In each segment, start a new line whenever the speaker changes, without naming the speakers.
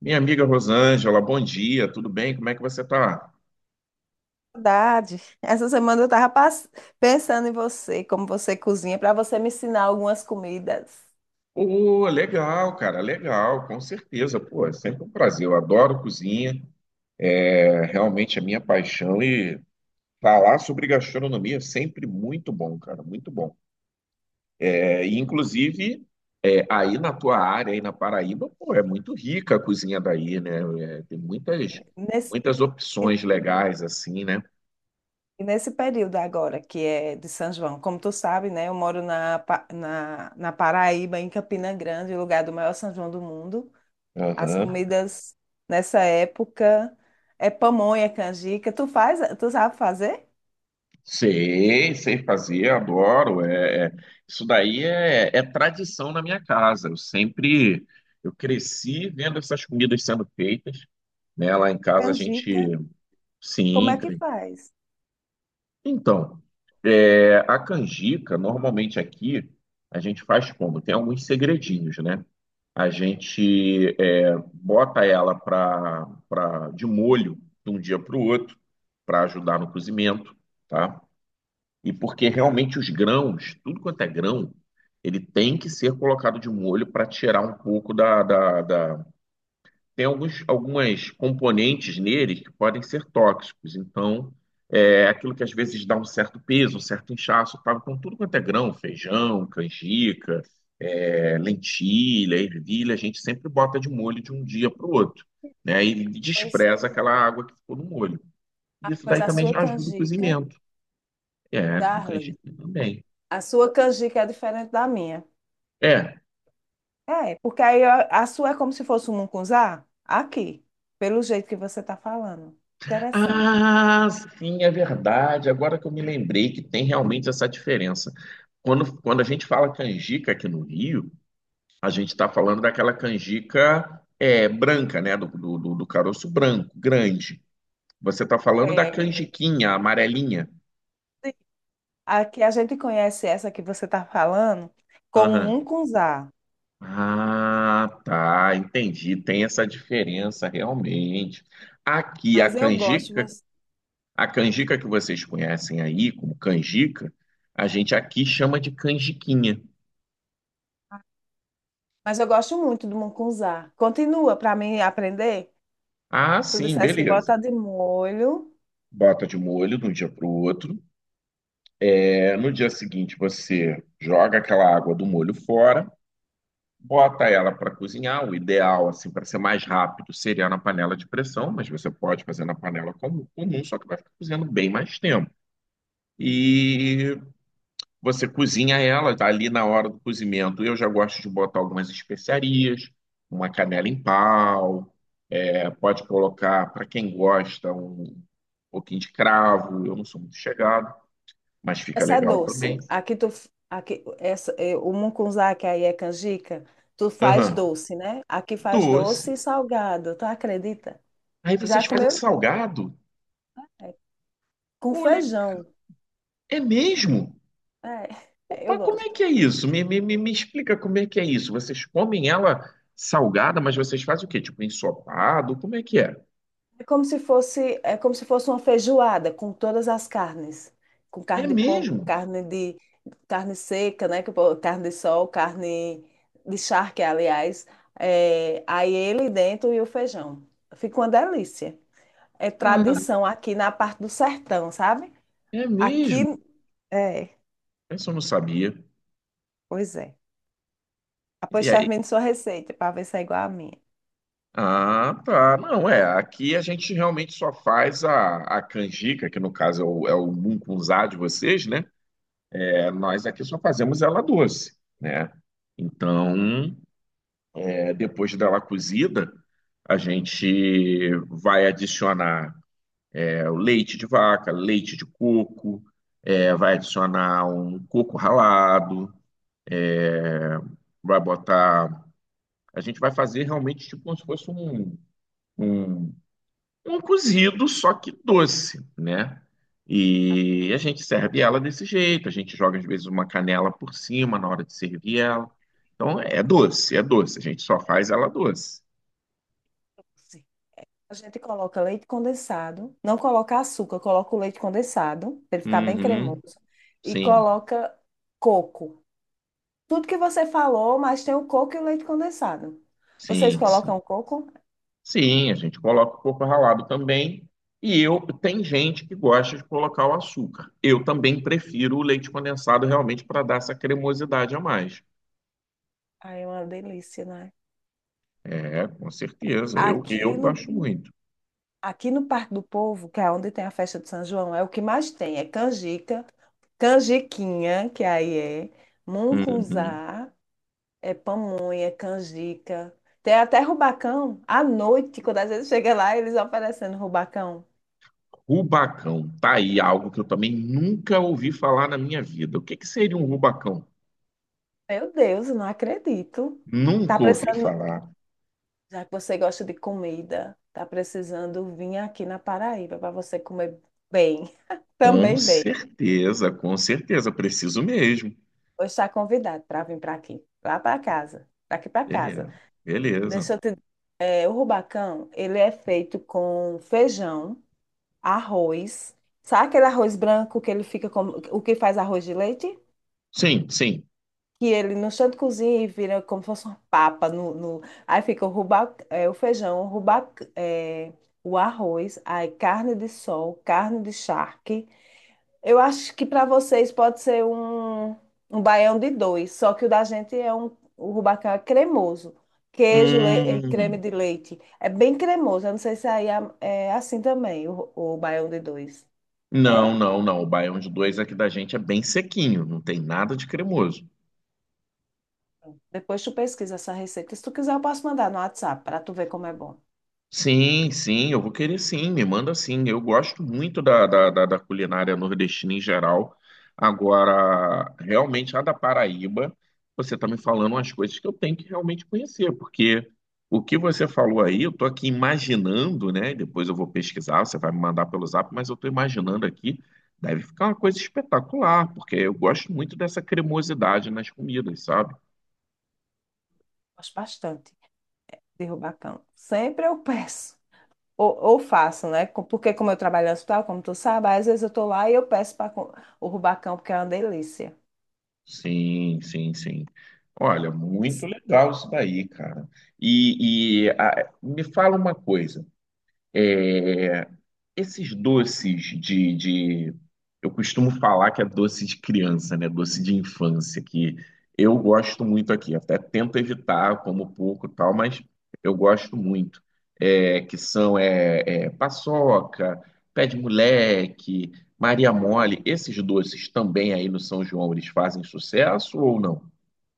Minha amiga Rosângela, bom dia, tudo bem? Como é que você tá?
Saudade. Essa semana eu tava pensando em você, como você cozinha, para você me ensinar algumas comidas
Pô, legal, cara, legal, com certeza. Pô, é sempre um prazer. Eu adoro cozinha, é realmente a minha paixão e falar sobre gastronomia é sempre muito bom, cara, muito bom. E inclusive, aí na tua área, aí na Paraíba, pô, é muito rica a cozinha daí, né? É, tem
nesse,
muitas
e-
opções legais assim, né?
e nesse período agora, que é de São João. Como tu sabe, né? Eu moro na Paraíba, em Campina Grande, o lugar do maior São João do mundo. As
Aham.
comidas nessa época é pamonha, é canjica. Tu faz, tu sabe fazer?
Sei, sei fazer, adoro. Isso daí é tradição na minha casa. Eu sempre, eu cresci vendo essas comidas sendo feitas, né? Lá em casa a
Canjica?
gente,
Como
sim,
é que
cre-
faz?
então, é, a canjica, normalmente aqui, a gente faz como? Tem alguns segredinhos, né? A gente é, bota ela de molho de um dia para o outro, para ajudar no cozimento, tá? E porque realmente os grãos, tudo quanto é grão, ele tem que ser colocado de molho para tirar um pouco tem alguns, algumas componentes nele que podem ser tóxicos. Então, é aquilo que às vezes dá um certo peso, um certo inchaço, tá? Então, tudo quanto é grão, feijão, canjica, é, lentilha, ervilha, a gente sempre bota de molho de um dia para o outro, né? E
Pois,
despreza aquela água que ficou no molho.
a,
Isso
pois
daí
a
também
sua
já ajuda o
canjica,
cozimento. É, com canjica
Darley.
também.
A sua canjica é diferente da minha.
É.
É, porque aí a sua é como se fosse um mucunzá? Aqui, pelo jeito que você está falando. Interessante.
Ah, sim, é verdade. Agora que eu me lembrei que tem realmente essa diferença. Quando a gente fala canjica aqui no Rio, a gente está falando daquela canjica é, branca, né? Do caroço branco, grande. Você está falando da
É,
canjiquinha, amarelinha.
sim. Aqui a gente conhece essa que você está falando como
Aham.
mucunzá.
Ah, tá, entendi. Tem essa diferença realmente. Aqui a
Mas eu gosto,
canjica.
você-
A canjica que vocês conhecem aí como canjica, a gente aqui chama de canjiquinha.
mas eu gosto muito do mucunzá. Continua para mim aprender.
Ah,
Tu
sim,
disseste que
beleza.
bota de molho.
Bota de molho de um dia para o outro. É, no dia seguinte você joga aquela água do molho fora, bota ela para cozinhar. O ideal, assim, para ser mais rápido, seria na panela de pressão, mas você pode fazer na panela comum, comum, só que vai ficar cozinhando bem mais tempo. E você cozinha ela tá ali na hora do cozimento. Eu já gosto de botar algumas especiarias, uma canela em pau, é, pode colocar, para quem gosta, um pouquinho de cravo. Eu não sou muito chegado, mas fica
Essa é
legal
doce.
também.
Aqui essa é o mucunzá, que aí é canjica, tu faz
Aham.
doce, né? Aqui faz
Doce.
doce e salgado, tu acredita?
Aí
Já
vocês fazem
comeu?
salgado?
É, com
Olha,
feijão.
é mesmo?
É, é, eu
Mas como é
gosto.
que é isso? Me explica como é que é isso. Vocês comem ela salgada, mas vocês fazem o quê? Tipo ensopado? Como é que é?
É como se fosse uma feijoada com todas as carnes, com
É
carne de porco,
mesmo?
carne seca, né? Que o carne de sol, carne de charque, aliás. É, aí ele dentro e o feijão. Fica uma delícia. É
Ah,
tradição aqui na parte do sertão, sabe?
é mesmo?
Aqui é,
Isso eu não sabia.
pois é. Após
E aí?
termine sua receita para ver se é igual à minha.
Ah, tá. Não, é. Aqui a gente realmente só faz a canjica, que no caso é é o mungunzá de vocês, né? É, nós aqui só fazemos ela doce, né? Então, é, depois dela cozida, a gente vai adicionar é, o leite de vaca, leite de coco, é, vai adicionar um coco ralado, é, vai botar. A gente vai fazer realmente tipo como se fosse um um cozido, só que doce, né? E a gente serve ela desse jeito, a gente joga às vezes uma canela por cima na hora de servir ela. Então é doce, a gente só faz ela doce.
Sim. A gente coloca leite condensado, não coloca açúcar, coloca o leite condensado para ele ficar bem
Uhum,
cremoso e
sim,
coloca coco. Tudo que você falou, mas tem o coco e o leite condensado. Vocês
sim, sim.
colocam coco?
Sim, a gente coloca o coco ralado também. E eu, tem gente que gosta de colocar o açúcar. Eu também prefiro o leite condensado realmente para dar essa cremosidade a mais.
Ai, é uma delícia, né?
É, com certeza, eu
Aqui no
gosto muito.
Aqui no Parque do Povo, que é onde tem a festa de São João, é o que mais tem. É canjica, canjiquinha, que aí é
Uhum.
mungunzá, é pamonha, canjica. Tem até rubacão. À noite, quando às vezes chega lá, eles oferecendo rubacão.
Rubacão, tá aí algo que eu também nunca ouvi falar na minha vida. O que que seria um rubacão?
Meu Deus, eu não acredito. Tá
Nunca ouvi
precisando,
falar.
já que você gosta de comida, tá precisando vir aqui na Paraíba para você comer bem, também bem.
Com certeza, preciso mesmo.
Vou estar convidado para vir para aqui, lá para casa, daqui para casa.
Beleza, beleza.
Deixa eu te... é, o rubacão, ele é feito com feijão, arroz. Sabe aquele arroz branco que ele fica como... O que faz arroz de leite?
Sim, sim.
Que ele no chão de cozinha e vira como se fosse uma papa. No, no... Aí fica o feijão, é, o arroz, aí carne de sol, carne de charque. Eu acho que para vocês pode ser um baião de dois, só que o da gente é um, o rubacão é cremoso. E creme
Hum,
de leite. É bem cremoso. Eu não sei se aí é, é assim também, o baião de dois. É?
não, não, não. O baião de dois aqui da gente é bem sequinho, não tem nada de cremoso.
Depois tu pesquisa essa receita. Se tu quiser, eu posso mandar no WhatsApp para tu ver como é bom.
Sim, sim, eu vou querer sim, me manda sim. Eu gosto muito da culinária nordestina em geral. Agora, realmente, a da Paraíba, você está me falando umas coisas que eu tenho que realmente conhecer, porque o que você falou aí, eu estou aqui imaginando, né? Depois eu vou pesquisar, você vai me mandar pelo zap, mas eu estou imaginando aqui, deve ficar uma coisa espetacular, porque eu gosto muito dessa cremosidade nas comidas, sabe?
Gosto bastante de rubacão. Sempre eu peço. Ou faço, né? Porque como eu trabalho no hospital, como tu sabe, às vezes eu tô lá e eu peço para o rubacão, porque é uma delícia.
Sim, sim, sim. Olha, muito legal isso daí, cara. Me fala uma coisa. eh, esses doces eu costumo falar que é doce de criança, né? Doce de infância, que eu gosto muito aqui. Até tento evitar, como pouco e tal, mas eu gosto muito. É, que são é, é, paçoca, pé de moleque,
É
Maria
bom.
Mole. Esses doces também aí no São João, eles fazem sucesso ou não?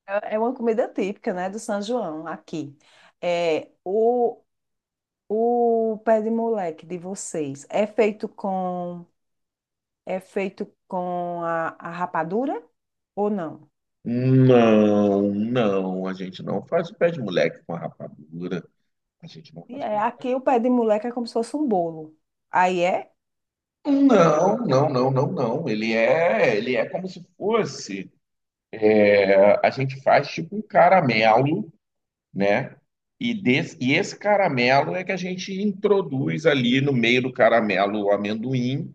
É uma comida típica, né, do São João aqui. É, o, o pé de moleque de vocês é feito com a rapadura ou não?
Não, não. A gente não faz o pé de moleque com a rapadura. A gente não
E
faz pé
é,
de
aqui o pé de moleque é como se fosse um bolo. Aí é?
não, não, não, não, não. Ele é como se fosse. É, a gente faz tipo um caramelo, né? E esse caramelo é que a gente introduz ali no meio do caramelo o amendoim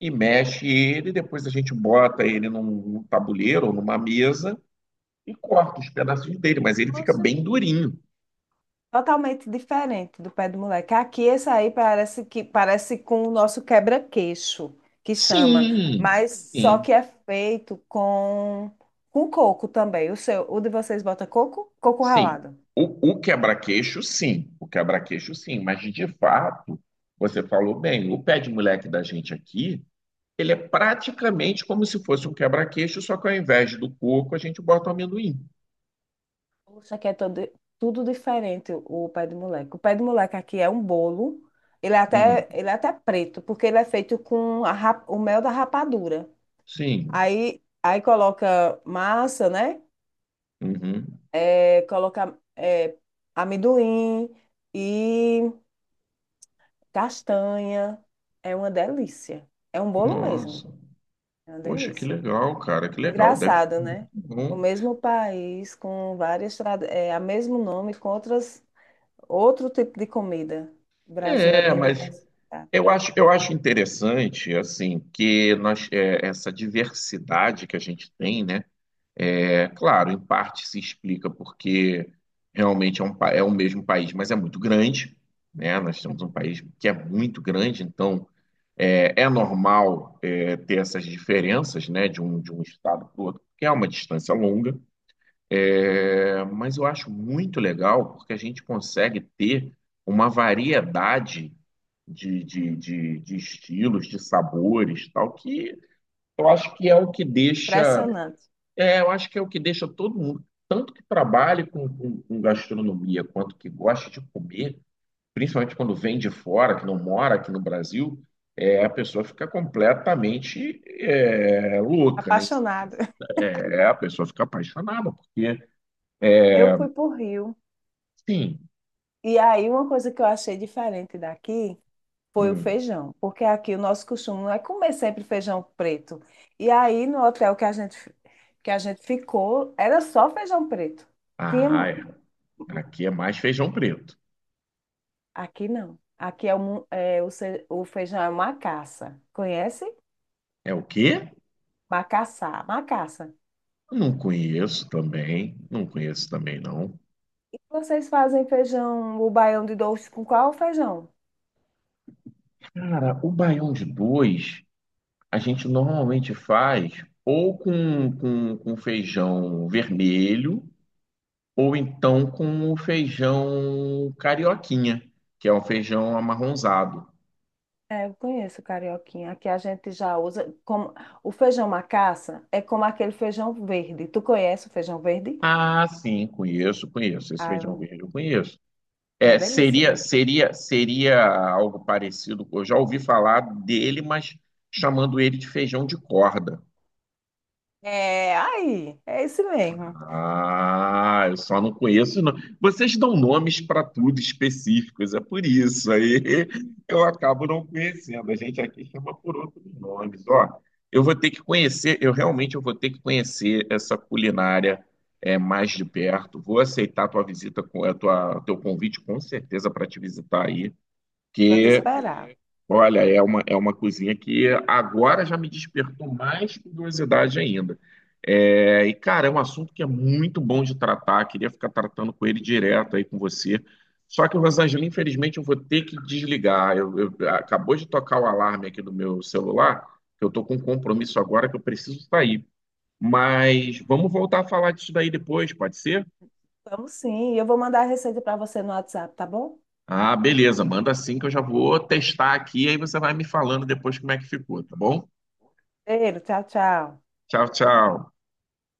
e mexe ele. Depois a gente bota ele num tabuleiro ou numa mesa e corta os pedacinhos dele, mas ele fica bem durinho.
Totalmente diferente do pé do moleque. Aqui, esse aí parece com o nosso quebra-queixo, que chama,
Sim,
mas só
sim.
que é feito com coco também. O seu, o de vocês bota coco? Coco
Sim,
ralado.
o quebra-queixo, sim, o quebra-queixo, sim, mas de fato, você falou bem, o pé de moleque da gente aqui, ele é praticamente como se fosse um quebra-queixo, só que ao invés do coco, a gente bota o amendoim.
Poxa, aqui é todo, tudo diferente o pé do moleque. O pé do moleque aqui é um bolo, ele é
Uhum.
até preto, porque ele é feito com a o mel da rapadura.
Sim,
Aí coloca massa, né?
uhum.
é, colocar é, amendoim e castanha. É uma delícia. É um bolo mesmo.
Nossa,
É uma
poxa, que
delícia.
legal, cara, que legal, deve
Engraçado,
ficar
né?
muito
O
bom.
mesmo país com várias a mesmo nome com outras outro tipo de comida. O Brasil é
É,
bem
mas
diversificado.
eu acho interessante, assim, que nós, é, essa diversidade que a gente tem, né? É claro, em parte se explica porque realmente é, é o mesmo país, mas é muito grande, né? Nós temos um país que é muito grande, então é, é normal é, ter essas diferenças, né, de um estado para o outro, porque é uma distância longa. É, mas eu acho muito legal porque a gente consegue ter uma variedade de estilos, de sabores, tal, que eu acho que é o que deixa
Impressionante.
é, eu acho que é o que deixa todo mundo, tanto que trabalha com gastronomia, quanto que gosta de comer, principalmente quando vem de fora, que não mora aqui no Brasil, é, a pessoa fica completamente é, louca, né?
Apaixonada.
É, a pessoa fica apaixonada, porque,
Eu fui para o Rio
sim,
e aí uma coisa que eu achei diferente daqui foi o
hum,
feijão, porque aqui o nosso costume não é comer sempre feijão preto. E aí no hotel que a gente ficou, era só feijão preto. Tinha
ah, é, aqui é mais feijão preto.
aqui não. Aqui é o, mu- é, o, ce- o feijão é macaça. Conhece?
É o quê?
Macaçá, macaça.
Não conheço também, não conheço também não.
Vocês fazem feijão, o baião de doce com qual feijão?
Cara, o baião de dois. A gente normalmente faz ou com feijão vermelho, ou então com o feijão carioquinha, que é um feijão amarronzado.
É, eu conheço o carioquinha. Aqui a gente já usa como o feijão macaça é como aquele feijão verde. Tu conhece o feijão verde?
Ah, sim, conheço, conheço. Esse
Ah, é
feijão
um-
verde eu conheço.
é uma
É,
delícia, né?
seria algo parecido. Eu já ouvi falar dele, mas chamando ele de feijão de corda.
É, aí, é esse mesmo.
Ah, eu só não conheço. Não. Vocês dão nomes para tudo específicos, é por isso. Aí eu acabo não conhecendo. A gente aqui chama por outros nomes. Ó, eu vou ter que conhecer, eu vou ter que conhecer essa culinária é, mais de perto. Vou aceitar a tua visita, a tua, teu convite com certeza para te visitar aí,
Vou te
que
esperar.
olha, é uma cozinha que agora já me despertou mais curiosidade ainda. É, e, cara, é um assunto que é muito bom de tratar, queria ficar tratando com ele direto aí com você. Só que, Rosângela, infelizmente eu vou ter que desligar. Acabou de tocar o alarme aqui do meu celular, que eu estou com um compromisso agora que eu preciso sair. Mas vamos voltar a falar disso daí depois, pode ser?
Vamos sim, e eu vou mandar a receita para você no WhatsApp, tá bom?
Ah, beleza, manda sim que eu já vou testar aqui, aí você vai me falando depois como é que ficou, tá bom?
Cheiro, tchau, tchau.
Tchau, tchau.